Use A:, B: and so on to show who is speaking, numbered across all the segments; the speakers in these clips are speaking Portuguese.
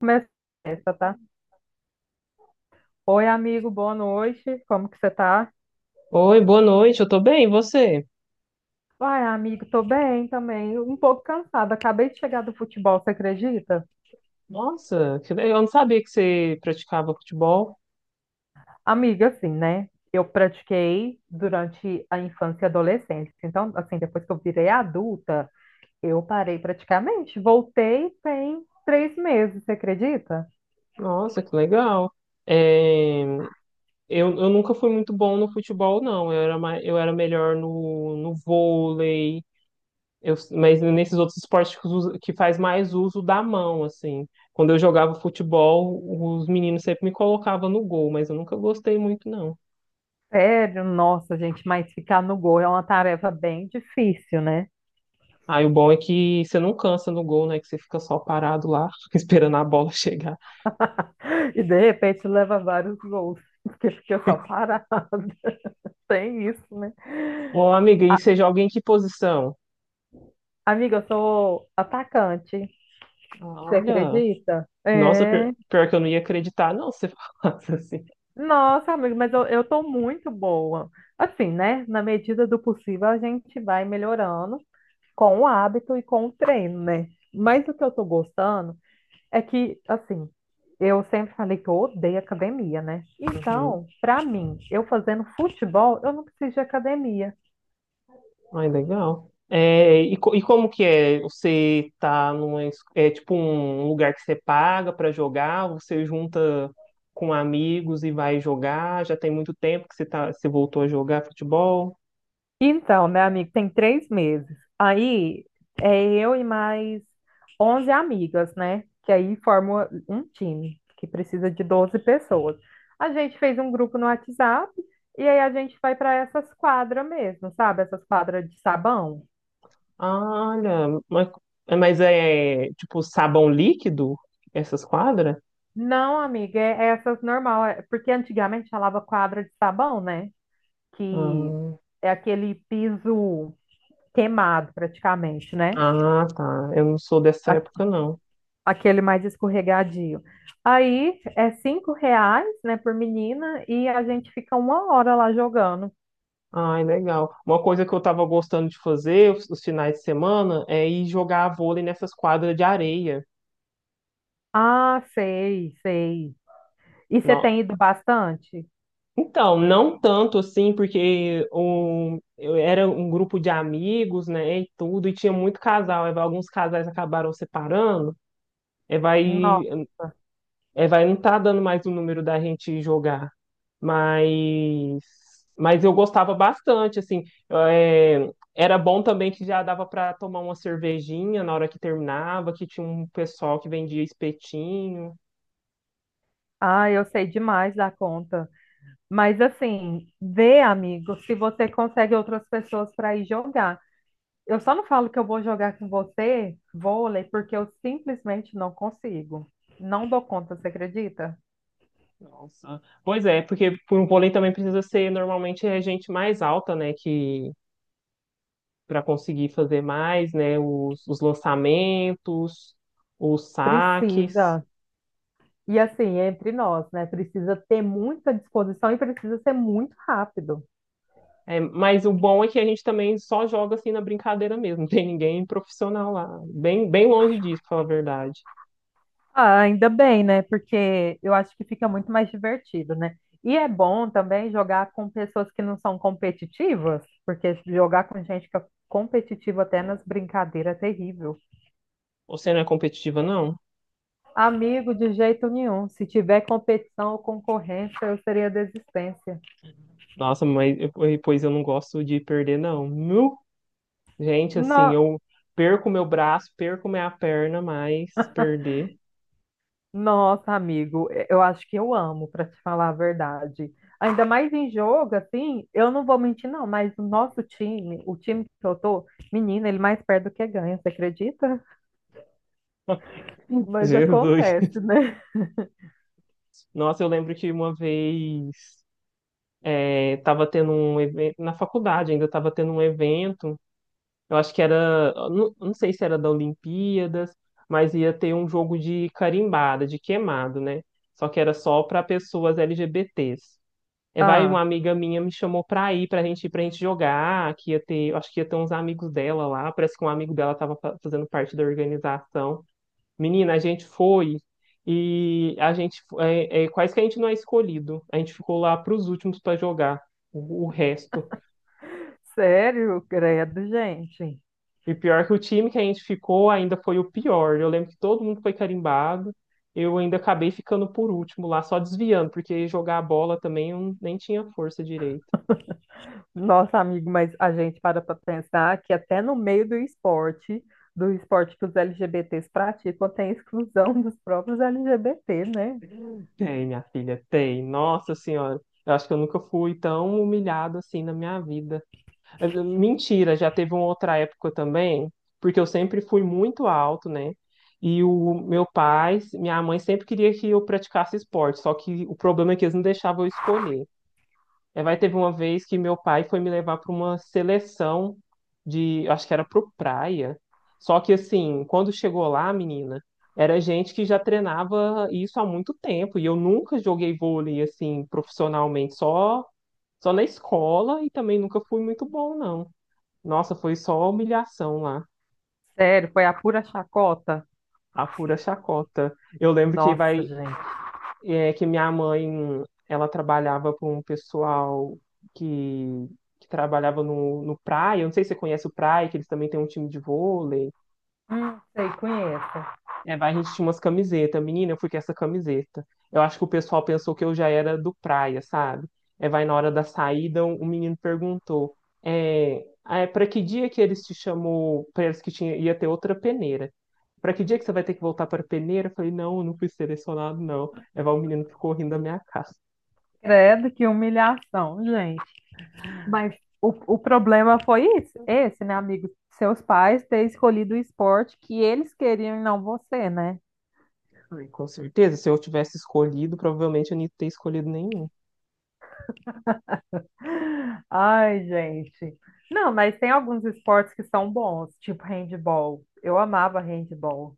A: Começa essa, tá? Oi, amigo, boa noite. Como que você tá?
B: Oi, boa noite, eu tô bem, e você?
A: Ai, amigo, tô bem também. Um pouco cansada. Acabei de chegar do futebol, você acredita?
B: Nossa, que legal, eu não sabia que você praticava futebol.
A: Amiga, assim, né? Eu pratiquei durante a infância e adolescência. Então, assim, depois que eu virei adulta, eu parei praticamente. Voltei tem 3 meses, você acredita?
B: Nossa, que legal. É, eu nunca fui muito bom no futebol, não. Eu era, mais, eu era melhor no, no vôlei, eu, mas nesses outros esportes que, que faz mais uso da mão, assim. Quando eu jogava futebol, os meninos sempre me colocavam no gol, mas eu nunca gostei muito, não.
A: Sério, nossa, gente, mas ficar no gol é uma tarefa bem difícil, né?
B: Aí o bom é que você não cansa no gol, né? Que você fica só parado lá, esperando a bola chegar.
A: E de repente leva vários gols, porque eu só parada. Tem isso, né?
B: Ô, amiga, e você joga em que posição?
A: Amiga, eu sou atacante.
B: Ah,
A: Você
B: olha,
A: acredita?
B: nossa, pior,
A: É.
B: pior que eu não ia acreditar, não, se você falasse assim.
A: Nossa, amiga, mas eu tô muito boa. Assim, né? Na medida do possível, a gente vai melhorando com o hábito e com o treino, né? Mas o que eu tô gostando é que, assim, eu sempre falei que eu odeio academia, né?
B: Uhum.
A: Então, pra mim, eu fazendo futebol, eu não preciso de academia.
B: Ai, legal. É, e como que é? Você tá numa, é tipo um lugar que você paga para jogar, você junta com amigos e vai jogar? Já tem muito tempo que você tá, você voltou a jogar futebol?
A: Então, meu amigo, tem 3 meses. Aí é eu e mais 11 amigas, né? Que aí forma um time que precisa de 12 pessoas. A gente fez um grupo no WhatsApp e aí a gente vai para essas quadras mesmo, sabe? Essas quadras de sabão.
B: Ah, olha, mas é tipo sabão líquido essas quadras?
A: Não, amiga, é essas normal, porque antigamente falava quadra de sabão, né? Que
B: Ah,
A: é aquele piso queimado praticamente, né?
B: ah, tá. Eu não sou dessa época, não.
A: Aquele mais escorregadio. Aí é R$ 5, né, por menina e a gente fica 1 hora lá jogando.
B: Ai, legal. Uma coisa que eu tava gostando de fazer os finais de semana é ir jogar vôlei nessas quadras de areia.
A: Ah, sei, sei. E você
B: Não.
A: tem ido bastante?
B: Então, não tanto assim, porque um, eu era um grupo de amigos, né, e tudo, e tinha muito casal. Alguns casais acabaram separando, aí vai,
A: Nossa.
B: aí vai não tá dando mais o número da gente jogar. Mas, mas eu gostava bastante, assim. É, era bom também que já dava para tomar uma cervejinha na hora que terminava, que tinha um pessoal que vendia espetinho.
A: Ah, eu sei demais da conta. Mas assim, vê, amigo, se você consegue outras pessoas para ir jogar. Eu só não falo que eu vou jogar com você vôlei, porque eu simplesmente não consigo. Não dou conta, você acredita?
B: Nossa. Pois é, porque por um vôlei também precisa ser normalmente é gente mais alta, né, que para conseguir fazer mais, né, os lançamentos, os saques.
A: Precisa. E assim, entre nós, né? Precisa ter muita disposição e precisa ser muito rápido.
B: É, mas o bom é que a gente também só joga assim na brincadeira mesmo, não tem ninguém profissional lá, bem, bem longe disso, pra falar a verdade.
A: Ah, ainda bem, né? Porque eu acho que fica muito mais divertido, né? E é bom também jogar com pessoas que não são competitivas, porque jogar com gente que é competitiva até nas brincadeiras é terrível.
B: Você não é competitiva, não?
A: Amigo, de jeito nenhum. Se tiver competição ou concorrência, eu seria desistência.
B: Nossa, mas eu- Pois eu não gosto de perder, não. Nu! Gente, assim, eu perco meu braço, perco minha perna, mas perder.
A: Nossa, amigo, eu acho que eu amo, para te falar a verdade. Ainda mais em jogo, assim, eu não vou mentir, não, mas o nosso time, o time que eu tô, menina, ele mais perde do que ganha, você acredita? Mas
B: Jesus.
A: acontece, né?
B: Nossa, eu lembro que uma vez tava tendo um evento na faculdade, ainda tava tendo um evento. Eu acho que era, não, não sei se era da Olimpíadas, mas ia ter um jogo de carimbada, de queimado, né? Só que era só para pessoas LGBTs. Uma
A: Ah,
B: amiga minha me chamou pra ir, pra gente jogar, que ia ter, eu acho que ia ter uns amigos dela lá, parece que um amigo dela tava fazendo parte da organização. Menina, a gente foi e a gente quase que a gente não é escolhido. A gente ficou lá para os últimos para jogar o resto.
A: sério, credo, gente.
B: E pior que o time que a gente ficou ainda foi o pior. Eu lembro que todo mundo foi carimbado. Eu ainda acabei ficando por último lá, só desviando, porque jogar a bola também eu nem tinha força direito.
A: Nossa, amigo, mas a gente para pensar que até no meio do esporte que os LGBTs praticam, tem exclusão dos próprios LGBT, né?
B: Tem, minha filha, tem. Nossa Senhora, eu acho que eu nunca fui tão humilhado assim na minha vida. Mentira, já teve uma outra época também, porque eu sempre fui muito alto, né? E o meu pai, minha mãe sempre queria que eu praticasse esporte, só que o problema é que eles não deixavam eu escolher. É, vai teve uma vez que meu pai foi me levar para uma seleção de, eu acho que era pro praia. Só que assim, quando chegou lá, menina, era gente que já treinava isso há muito tempo e eu nunca joguei vôlei assim profissionalmente, só só na escola e também nunca fui muito bom, não. Nossa, foi só humilhação lá,
A: Sério, foi a pura chacota.
B: a pura chacota. Eu lembro que
A: Nossa, gente.
B: que minha mãe, ela trabalhava com um pessoal que, que trabalhava no, no Praia, eu não sei se você conhece o Praia, que eles também têm um time de vôlei.
A: Sei, conheço.
B: A gente tinha umas camisetas. Menina, eu fui com essa camiseta. Eu acho que o pessoal pensou que eu já era do praia, sabe? É, vai na hora da saída, o menino perguntou: é, para que dia que eles te chamou? Para eles que tinha, ia ter outra peneira. Para que dia que você vai ter que voltar para peneira? Eu falei: não, eu não fui selecionado, não. O menino ficou rindo da minha cara.
A: Credo, que humilhação, gente. Mas o problema foi isso, esse, né, amigo? Seus pais ter escolhido o esporte que eles queriam e não você, né?
B: Falei, com certeza, se eu tivesse escolhido, provavelmente eu não ia ter escolhido nenhum.
A: Ai, gente. Não, mas tem alguns esportes que são bons, tipo handball. Eu amava handball.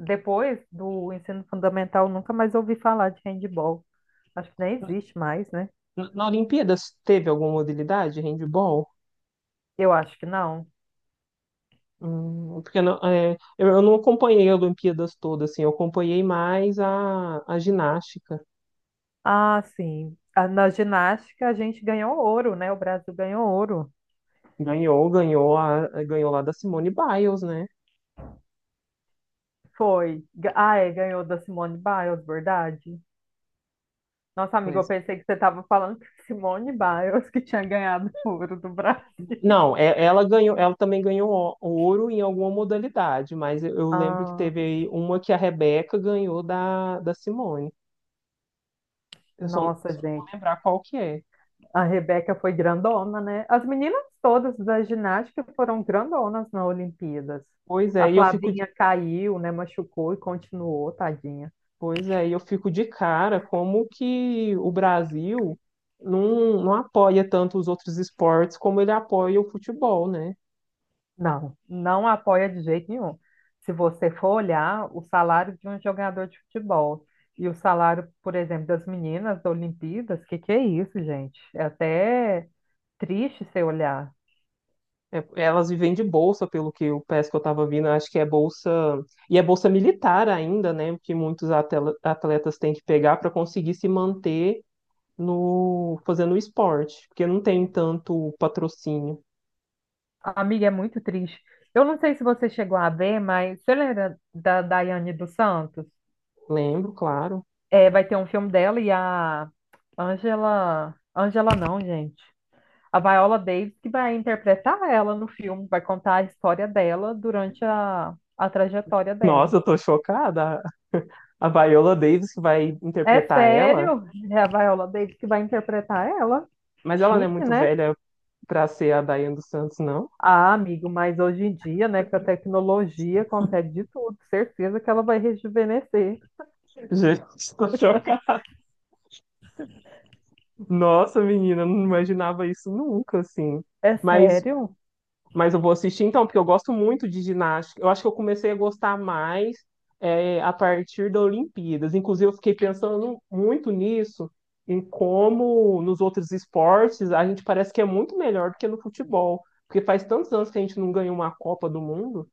A: Depois do ensino fundamental, nunca mais ouvi falar de handball. Acho que nem existe mais, né?
B: Na Olimpíadas, teve alguma modalidade? Handball?
A: Eu acho que não.
B: Porque não- é, eu não acompanhei a Olimpíadas toda, assim, eu acompanhei mais a ginástica.
A: Ah, sim. Ah, na ginástica a gente ganhou ouro, né? O Brasil ganhou ouro.
B: Ganhou, ganhou, a, ganhou lá da Simone Biles, né?
A: Foi. Ah, é, ganhou da Simone Biles, verdade? Nossa, amiga, eu
B: Pois-
A: pensei que você estava falando que Simone Biles que tinha ganhado ouro do Brasil.
B: Não, ela ganhou, ela também ganhou ouro em alguma modalidade, mas eu lembro que
A: Ah,
B: teve aí uma que a Rebeca ganhou da, da Simone. Eu só,
A: nossa,
B: só não vou
A: gente.
B: lembrar qual que é.
A: A Rebeca foi grandona, né? As meninas todas da ginástica foram grandonas na Olimpíadas.
B: Pois
A: A
B: é, e eu fico,
A: Flavinha caiu, né? Machucou e continuou, tadinha.
B: Pois é, e eu fico de cara como que o Brasil não, não apoia tanto os outros esportes como ele apoia o futebol, né?
A: Não, não apoia de jeito nenhum. Se você for olhar o salário de um jogador de futebol e o salário, por exemplo, das meninas da Olimpíadas, que é isso, gente? É até triste você olhar.
B: É, elas vivem de bolsa, pelo que eu peço que eu estava vindo, acho que é bolsa, e é bolsa militar ainda, né? Que muitos atletas têm que pegar para conseguir se manter no fazendo esporte, porque não tem tanto patrocínio.
A: Amiga, é muito triste. Eu não sei se você chegou a ver, mas você lembra da Daiane dos Santos?
B: Lembro, claro.
A: É, vai ter um filme dela e a Angela. Angela não, gente. A Viola Davis que vai interpretar ela no filme, vai contar a história dela durante a trajetória dela.
B: Nossa, eu tô chocada. A Viola Davis que vai
A: É
B: interpretar ela,
A: sério, é a Viola Davis que vai interpretar ela.
B: mas ela não é
A: Chique,
B: muito
A: né?
B: velha, pra ser a Daiane dos Santos, não.
A: Ah, amigo, mas hoje em dia, né, que a tecnologia consegue de tudo, certeza que ela vai rejuvenescer.
B: Gente, tô chocada. Nossa, menina, não imaginava isso nunca, assim.
A: É
B: Mas,
A: sério?
B: mas eu vou assistir então, porque eu gosto muito de ginástica. Eu acho que eu comecei a gostar mais a partir da Olimpíadas. Inclusive, eu fiquei pensando muito nisso, em como nos outros esportes a gente parece que é muito melhor do que no futebol. Porque faz tantos anos que a gente não ganha uma Copa do Mundo.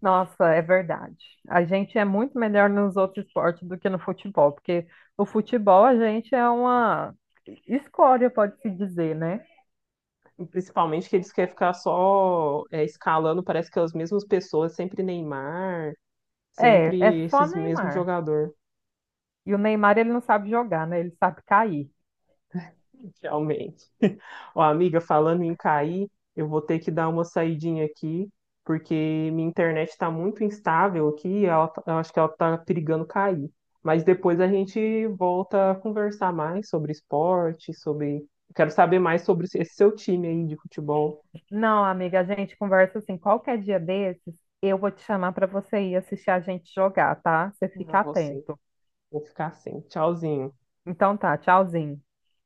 A: Nossa, é verdade. A gente é muito melhor nos outros esportes do que no futebol, porque no futebol a gente é uma escória, pode-se dizer, né?
B: Principalmente que eles querem ficar só escalando, parece que é as mesmas pessoas, sempre Neymar,
A: É
B: sempre
A: só
B: esses mesmos
A: Neymar.
B: jogadores,
A: E o Neymar, ele não sabe jogar, né? Ele sabe cair.
B: realmente. Ó, amiga, falando em cair, eu vou ter que dar uma saidinha aqui, porque minha internet está muito instável aqui, eu acho que ela está perigando cair. Mas depois a gente volta a conversar mais sobre esporte, sobre... Quero saber mais sobre esse seu time aí de futebol.
A: Não, amiga, a gente conversa assim, qualquer dia desses, eu vou te chamar para você ir assistir a gente jogar, tá? Você
B: Ah,
A: fica
B: você.
A: atento.
B: Vou ficar assim. Tchauzinho.
A: Então tá, tchauzinho.